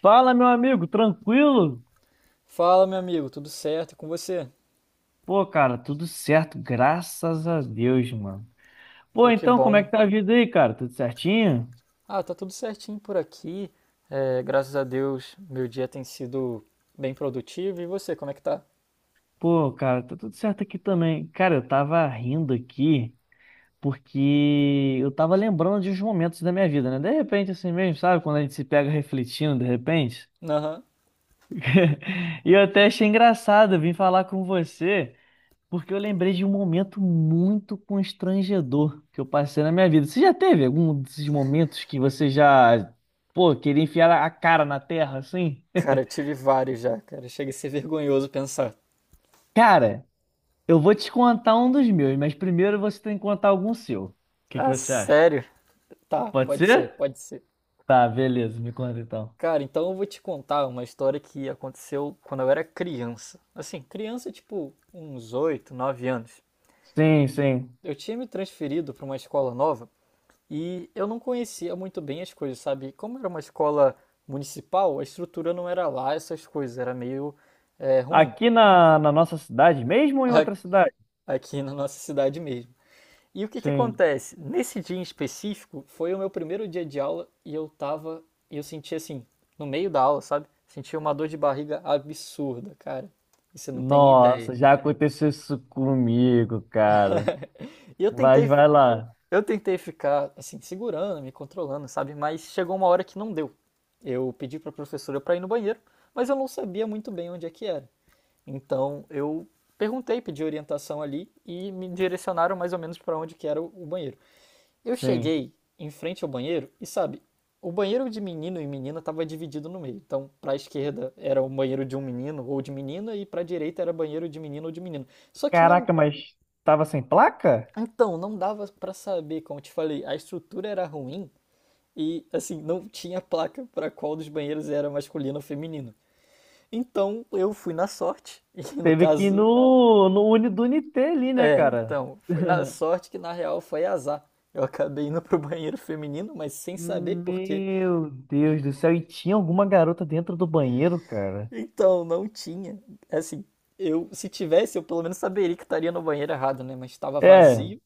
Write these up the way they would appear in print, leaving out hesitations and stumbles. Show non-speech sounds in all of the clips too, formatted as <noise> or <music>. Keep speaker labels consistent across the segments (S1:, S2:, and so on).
S1: Fala, meu amigo, tranquilo?
S2: Fala, meu amigo, tudo certo. E com você?
S1: Pô, cara, tudo certo, graças a Deus, mano. Pô,
S2: Pô, que
S1: então, como é
S2: bom.
S1: que tá a vida aí, cara? Tudo certinho?
S2: Ah, tá tudo certinho por aqui. É, graças a Deus, meu dia tem sido bem produtivo. E você, como é que tá?
S1: Pô, cara, tá tudo certo aqui também. Cara, eu tava rindo aqui porque eu tava lembrando de uns momentos da minha vida, né? De repente, assim mesmo, sabe? Quando a gente se pega refletindo, de repente.
S2: Aham.
S1: <laughs> E eu até achei engraçado, eu vim falar com você. Porque eu lembrei de um momento muito constrangedor que eu passei na minha vida. Você já teve algum desses momentos que você já, pô, queria enfiar a cara na terra assim?
S2: Cara, eu
S1: <laughs>
S2: tive vários já, cara. Chega a ser vergonhoso pensar.
S1: Cara, eu vou te contar um dos meus, mas primeiro você tem que contar algum seu. O que que
S2: Ah,
S1: você acha?
S2: sério? Tá,
S1: Pode
S2: pode ser,
S1: ser?
S2: pode ser.
S1: Tá, beleza, me conta então.
S2: Cara, então eu vou te contar uma história que aconteceu quando eu era criança. Assim, criança, tipo, uns 8, 9 anos.
S1: Sim, sim.
S2: Eu tinha me transferido para uma escola nova e eu não conhecia muito bem as coisas, sabe? Como era uma escola municipal, a estrutura não era lá essas coisas, era meio ruim.
S1: Aqui na nossa cidade, mesmo
S2: <laughs>
S1: ou em
S2: a-
S1: outra cidade?
S2: Aqui na nossa cidade mesmo. E o que que
S1: Sim.
S2: acontece? Nesse dia em específico, foi o meu primeiro dia de aula e eu senti assim, no meio da aula, sabe? Senti uma dor de barriga absurda, cara. E você não tem
S1: Nossa,
S2: ideia.
S1: já aconteceu isso comigo, cara.
S2: <laughs> E eu
S1: Mas
S2: tentei
S1: vai lá.
S2: Eu tentei ficar, assim, segurando, me controlando, sabe? Mas chegou uma hora que não deu. Eu pedi para a professora para ir no banheiro, mas eu não sabia muito bem onde é que era. Então eu perguntei, pedi orientação ali e me direcionaram mais ou menos para onde que era o banheiro. Eu
S1: Sim.
S2: cheguei em frente ao banheiro e sabe, o banheiro de menino e menina estava dividido no meio. Então, para a esquerda era o banheiro de um menino ou de menina e para a direita era banheiro de menino ou de menina. Só que não,
S1: Caraca, mas tava sem placa?
S2: então não dava para saber, como eu te falei, a estrutura era ruim e assim não tinha placa para qual dos banheiros era masculino ou feminino. Então eu fui na sorte <laughs> e no
S1: Teve que ir
S2: caso
S1: no, no Uni do Unité ali, né, cara?
S2: então foi na
S1: <laughs>
S2: sorte que na real foi azar. Eu acabei indo pro banheiro feminino, mas sem saber por quê.
S1: Meu Deus do céu, e tinha alguma garota dentro do banheiro, cara?
S2: Então não tinha, assim, eu se tivesse eu pelo menos saberia que estaria no banheiro errado, né? Mas estava
S1: É,
S2: vazio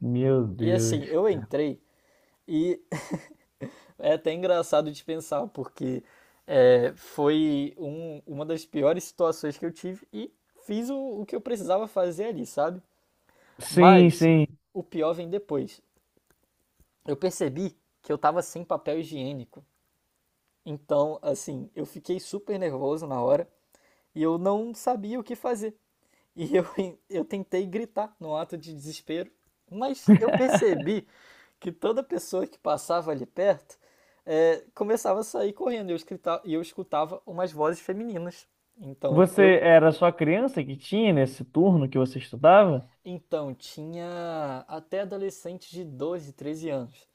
S1: meu
S2: e
S1: Deus.
S2: assim eu entrei e é até engraçado de pensar, porque foi uma das piores situações que eu tive e fiz o que eu precisava fazer ali, sabe?
S1: Sim,
S2: Mas
S1: sim.
S2: o pior vem depois. Eu percebi que eu tava sem papel higiênico. Então, assim, eu fiquei super nervoso na hora e eu não sabia o que fazer. E eu, <laughs> eu tentei gritar no ato de desespero, mas eu percebi que toda pessoa que passava ali perto começava a sair correndo e eu, e eu escutava umas vozes femininas. Então
S1: Você
S2: eu
S1: era só criança que tinha nesse turno que você estudava?
S2: então tinha até adolescentes de 12, 13 anos.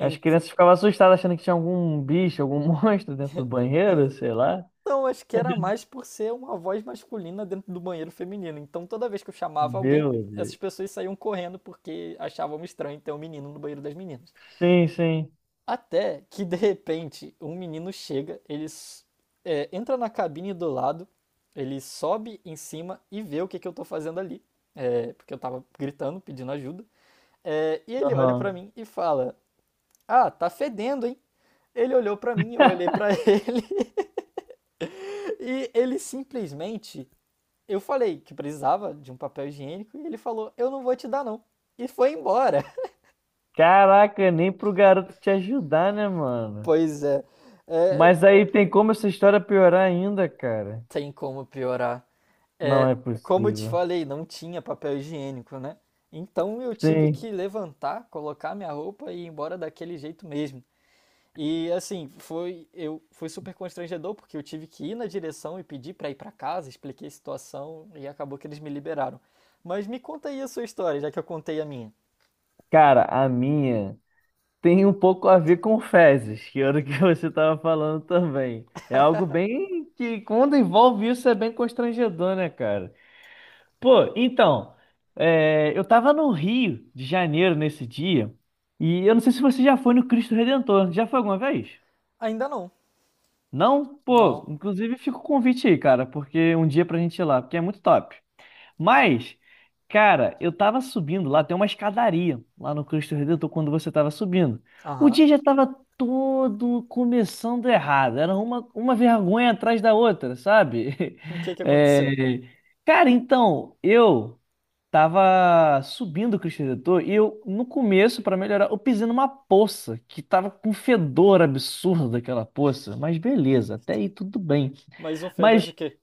S1: As crianças ficavam assustadas achando que tinha algum bicho, algum <laughs> monstro dentro do banheiro, sei lá.
S2: acho que era mais por ser uma voz masculina dentro do banheiro feminino. Então toda vez que eu chamava alguém,
S1: Meu
S2: essas
S1: Deus.
S2: pessoas saíam correndo porque achavam estranho ter um menino no banheiro das meninas.
S1: Sim, sim.
S2: Até que de repente um menino chega, ele entra na cabine do lado, ele sobe em cima e vê que eu tô fazendo ali, porque eu tava gritando, pedindo ajuda, e ele olha pra
S1: Aham.
S2: mim e fala: Ah, tá fedendo, hein? Ele olhou pra mim, eu
S1: <laughs>
S2: olhei pra ele, <laughs> e ele simplesmente. Eu falei que precisava de um papel higiênico e ele falou: Eu não vou te dar, não. E foi embora. <laughs>
S1: Caraca, nem pro garoto te ajudar, né, mano?
S2: Pois é, é
S1: Mas aí tem como essa história piorar ainda, cara?
S2: tem como piorar.
S1: Não
S2: É,
S1: é
S2: como eu te
S1: possível.
S2: falei, não tinha papel higiênico, né? Então eu tive
S1: Sim.
S2: que levantar, colocar minha roupa e ir embora daquele jeito mesmo. E assim, foi super constrangedor porque eu tive que ir na direção e pedir para ir para casa, expliquei a situação e acabou que eles me liberaram. Mas me conta aí a sua história, já que eu contei a minha.
S1: Cara, a minha tem um pouco a ver com fezes, que era o que <laughs> você tava falando também. É algo bem que, quando envolve isso, é bem constrangedor, né, cara? Pô, então, eu tava no Rio de Janeiro nesse dia, e eu não sei se você já foi no Cristo Redentor. Já foi alguma vez?
S2: Ainda não.
S1: Não? Pô,
S2: Não.
S1: inclusive fica o convite aí, cara, porque um dia pra gente ir lá, porque é muito top. Mas, cara, eu tava subindo lá, tem uma escadaria lá no Cristo Redentor quando você tava subindo. O
S2: Aham.
S1: dia
S2: <laughs>
S1: já tava todo começando errado, era uma vergonha atrás da outra, sabe?
S2: O que
S1: <laughs>
S2: que aconteceu?
S1: É, cara, então, eu. Tava subindo o Cristo Redentor e eu, no começo, pra melhorar, eu pisei numa poça que tava com um fedor absurdo aquela poça. Mas beleza, até aí tudo bem.
S2: Mais um fedor de
S1: Mas,
S2: quê?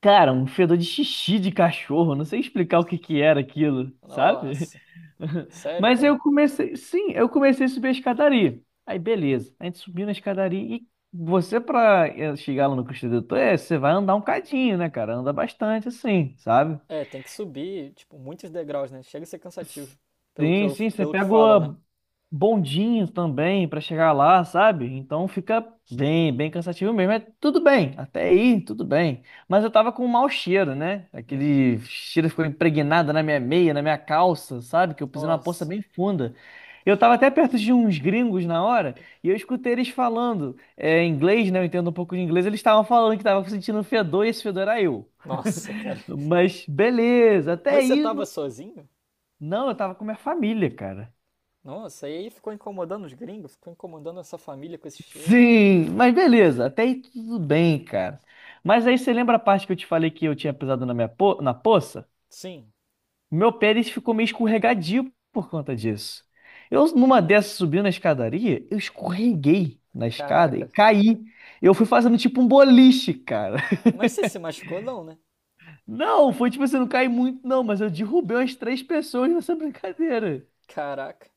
S1: cara, um fedor de xixi de cachorro, não sei explicar o que que era aquilo, sabe?
S2: Nossa.
S1: <laughs>
S2: Sério,
S1: Mas
S2: cara?
S1: eu comecei, sim, eu comecei a subir a escadaria. Aí, beleza, a gente subiu na escadaria e você, pra chegar lá no Cristo Redentor, você vai andar um cadinho, né, cara? Anda bastante assim, sabe?
S2: É, tem que subir, tipo, muitos degraus, né? Chega a ser cansativo,
S1: Sim, sim, você
S2: pelo que
S1: pega
S2: falam, né?
S1: o bondinho também pra chegar lá, sabe? Então fica bem, bem cansativo mesmo. É tudo bem, até aí, tudo bem. Mas eu tava com um mau cheiro, né? Aquele cheiro ficou impregnado na minha meia, na minha calça, sabe? Que eu pisei numa poça
S2: Nossa,
S1: bem funda. Eu tava até perto de uns gringos na hora e eu escutei eles falando inglês, né? Eu entendo um pouco de inglês. Eles estavam falando que tava sentindo um fedor e esse fedor era eu.
S2: nossa, cara.
S1: Mas beleza, até
S2: Mas você
S1: aí.
S2: tava
S1: não-
S2: sozinho?
S1: não, eu tava com minha família, cara.
S2: Nossa, e aí ficou incomodando os gringos, ficou incomodando essa família com esse cheiro.
S1: Sim, mas beleza, até aí tudo bem, cara. Mas aí você lembra a parte que eu te falei que eu tinha pisado na minha po na poça?
S2: Sim,
S1: Meu pé ele ficou meio escorregadio por conta disso. Eu, numa dessas, subindo na escadaria, eu escorreguei na escada e
S2: caraca.
S1: caí. Eu fui fazendo tipo um boliche, cara. <laughs>
S2: Mas você se machucou não, né?
S1: Não, foi tipo assim, não caí muito, não, mas eu derrubei umas 3 pessoas nessa <laughs> brincadeira.
S2: Caraca.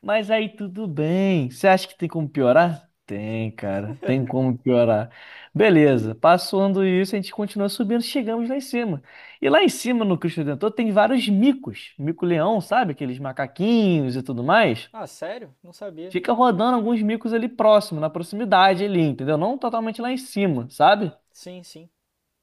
S1: Mas aí tudo bem. Você acha que tem como piorar? Tem, cara. Tem como piorar. Beleza. Passando isso, a gente continua subindo, chegamos lá em cima. E lá em cima, no Cristo Redentor, tem vários micos. Mico-leão, sabe? Aqueles macaquinhos e tudo mais.
S2: Ah, sério? Não sabia.
S1: Fica rodando alguns micos ali próximo, na proximidade ali, entendeu? Não totalmente lá em cima, sabe?
S2: Sim, sim.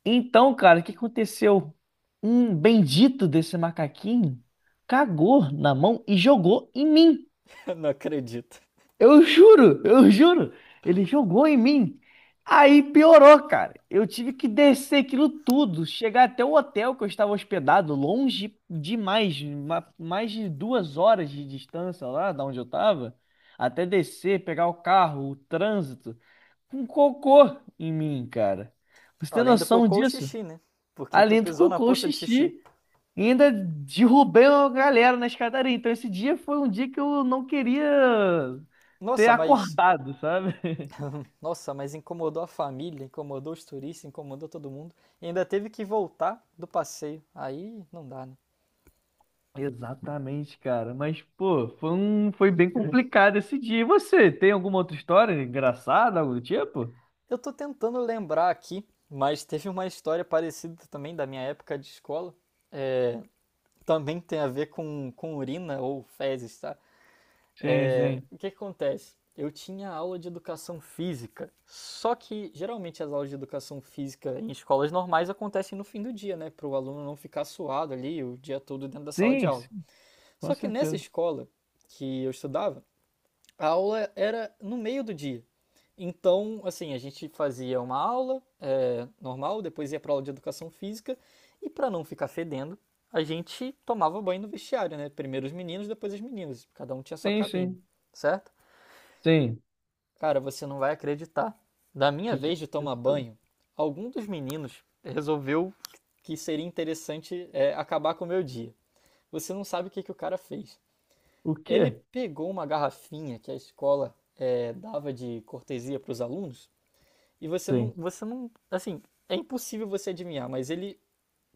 S1: Então, cara, o que aconteceu? Um bendito desse macaquinho cagou na mão e jogou em mim.
S2: <laughs> Não acredito.
S1: Eu juro, eu juro. Ele jogou em mim. Aí piorou, cara. Eu tive que descer aquilo tudo, chegar até o hotel que eu estava hospedado, longe demais, mais de 2 horas de distância lá da onde eu estava, até descer, pegar o carro, o trânsito, com cocô em mim, cara. Você tem
S2: Além do
S1: noção
S2: cocô, o
S1: disso?
S2: xixi, né? Porque tu
S1: Além do
S2: pisou na
S1: cocô, o
S2: poça de xixi.
S1: xixi. E ainda derrubei uma galera na escadaria. Então esse dia foi um dia que eu não queria ter
S2: Nossa, mas
S1: acordado, sabe? <laughs>
S2: Nossa, mas incomodou a família, incomodou os turistas, incomodou todo mundo. E ainda teve que voltar do passeio. Aí não dá, né?
S1: Exatamente, cara. Mas, pô, foi um... foi bem complicado esse dia. E você, tem alguma outra história engraçada, algo do tipo?
S2: Eu tô tentando lembrar aqui, mas teve uma história parecida também da minha época de escola. Também tem a ver com urina ou fezes, tá?
S1: Sim,
S2: É,
S1: sim.
S2: o que que acontece? Eu tinha aula de educação física, só que geralmente as aulas de educação física em escolas normais acontecem no fim do dia, né? Para o aluno não ficar suado ali o dia todo dentro da sala de
S1: Sim,
S2: aula.
S1: sim, com
S2: Só que nessa
S1: certeza.
S2: escola que eu estudava, a aula era no meio do dia. Então, assim, a gente fazia uma aula normal, depois ia para aula de educação física e para não ficar fedendo, a gente tomava banho no vestiário, né? Primeiro os meninos, depois as meninas. Cada um tinha sua
S1: Sim,
S2: cabine,
S1: sim.
S2: certo?
S1: Sim.
S2: Cara, você não vai acreditar. Da minha
S1: Que
S2: vez de tomar
S1: aconteceu?
S2: banho, algum dos meninos resolveu que seria interessante acabar com o meu dia. Você não sabe que o cara fez.
S1: O
S2: Ele
S1: quê?
S2: pegou uma garrafinha que a escola dava de cortesia para os alunos e
S1: Sim.
S2: você não, assim, é impossível você adivinhar, mas ele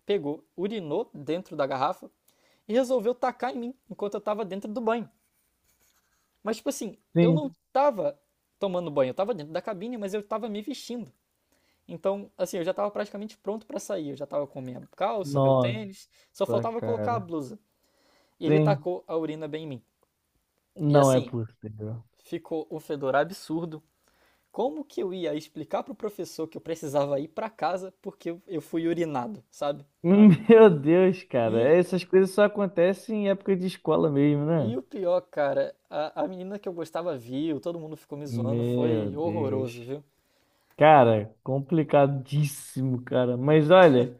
S2: pegou, urinou dentro da garrafa e resolveu tacar em mim enquanto eu estava dentro do banho. Mas tipo assim, eu não
S1: Sim.
S2: estava tomando banho, eu estava dentro da cabine, mas eu estava me vestindo. Então, assim, eu já estava praticamente pronto para sair, eu já estava com minha calça, meu tênis,
S1: Nossa,
S2: só faltava colocar a
S1: cara.
S2: blusa. E ele
S1: Sim.
S2: tacou a urina bem em mim. E
S1: Não é
S2: assim,
S1: possível.
S2: ficou um fedor absurdo. Como que eu ia explicar pro professor que eu precisava ir pra casa porque eu fui urinado, sabe?
S1: <laughs> Meu Deus, cara,
S2: E,
S1: essas coisas só acontecem em época de escola mesmo, né?
S2: e o pior, cara, a menina que eu gostava viu, todo mundo ficou me zoando,
S1: Meu
S2: foi horroroso,
S1: Deus.
S2: viu?
S1: Cara, complicadíssimo, cara. Mas olha.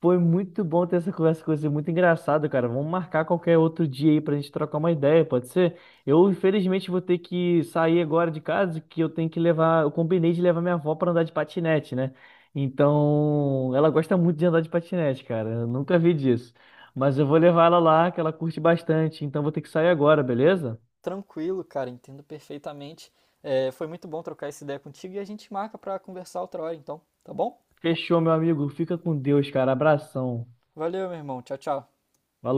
S1: Foi muito bom ter essa conversa com você, muito engraçado, cara. Vamos marcar qualquer outro dia aí pra gente trocar uma ideia, pode ser? Eu, infelizmente, vou ter que sair agora de casa, que eu tenho que levar, eu combinei de levar minha avó pra andar de patinete, né? Então, ela gosta muito de andar de patinete, cara. Eu nunca vi disso. Mas eu vou levar ela lá, que ela curte bastante. Então, vou ter que sair agora, beleza?
S2: Tranquilo, cara, entendo perfeitamente. É, foi muito bom trocar essa ideia contigo e a gente marca pra conversar outra hora, então, tá bom?
S1: Fechou, meu amigo. Fica com Deus, cara. Abração.
S2: Valeu, meu irmão. Tchau, tchau.
S1: Valeu.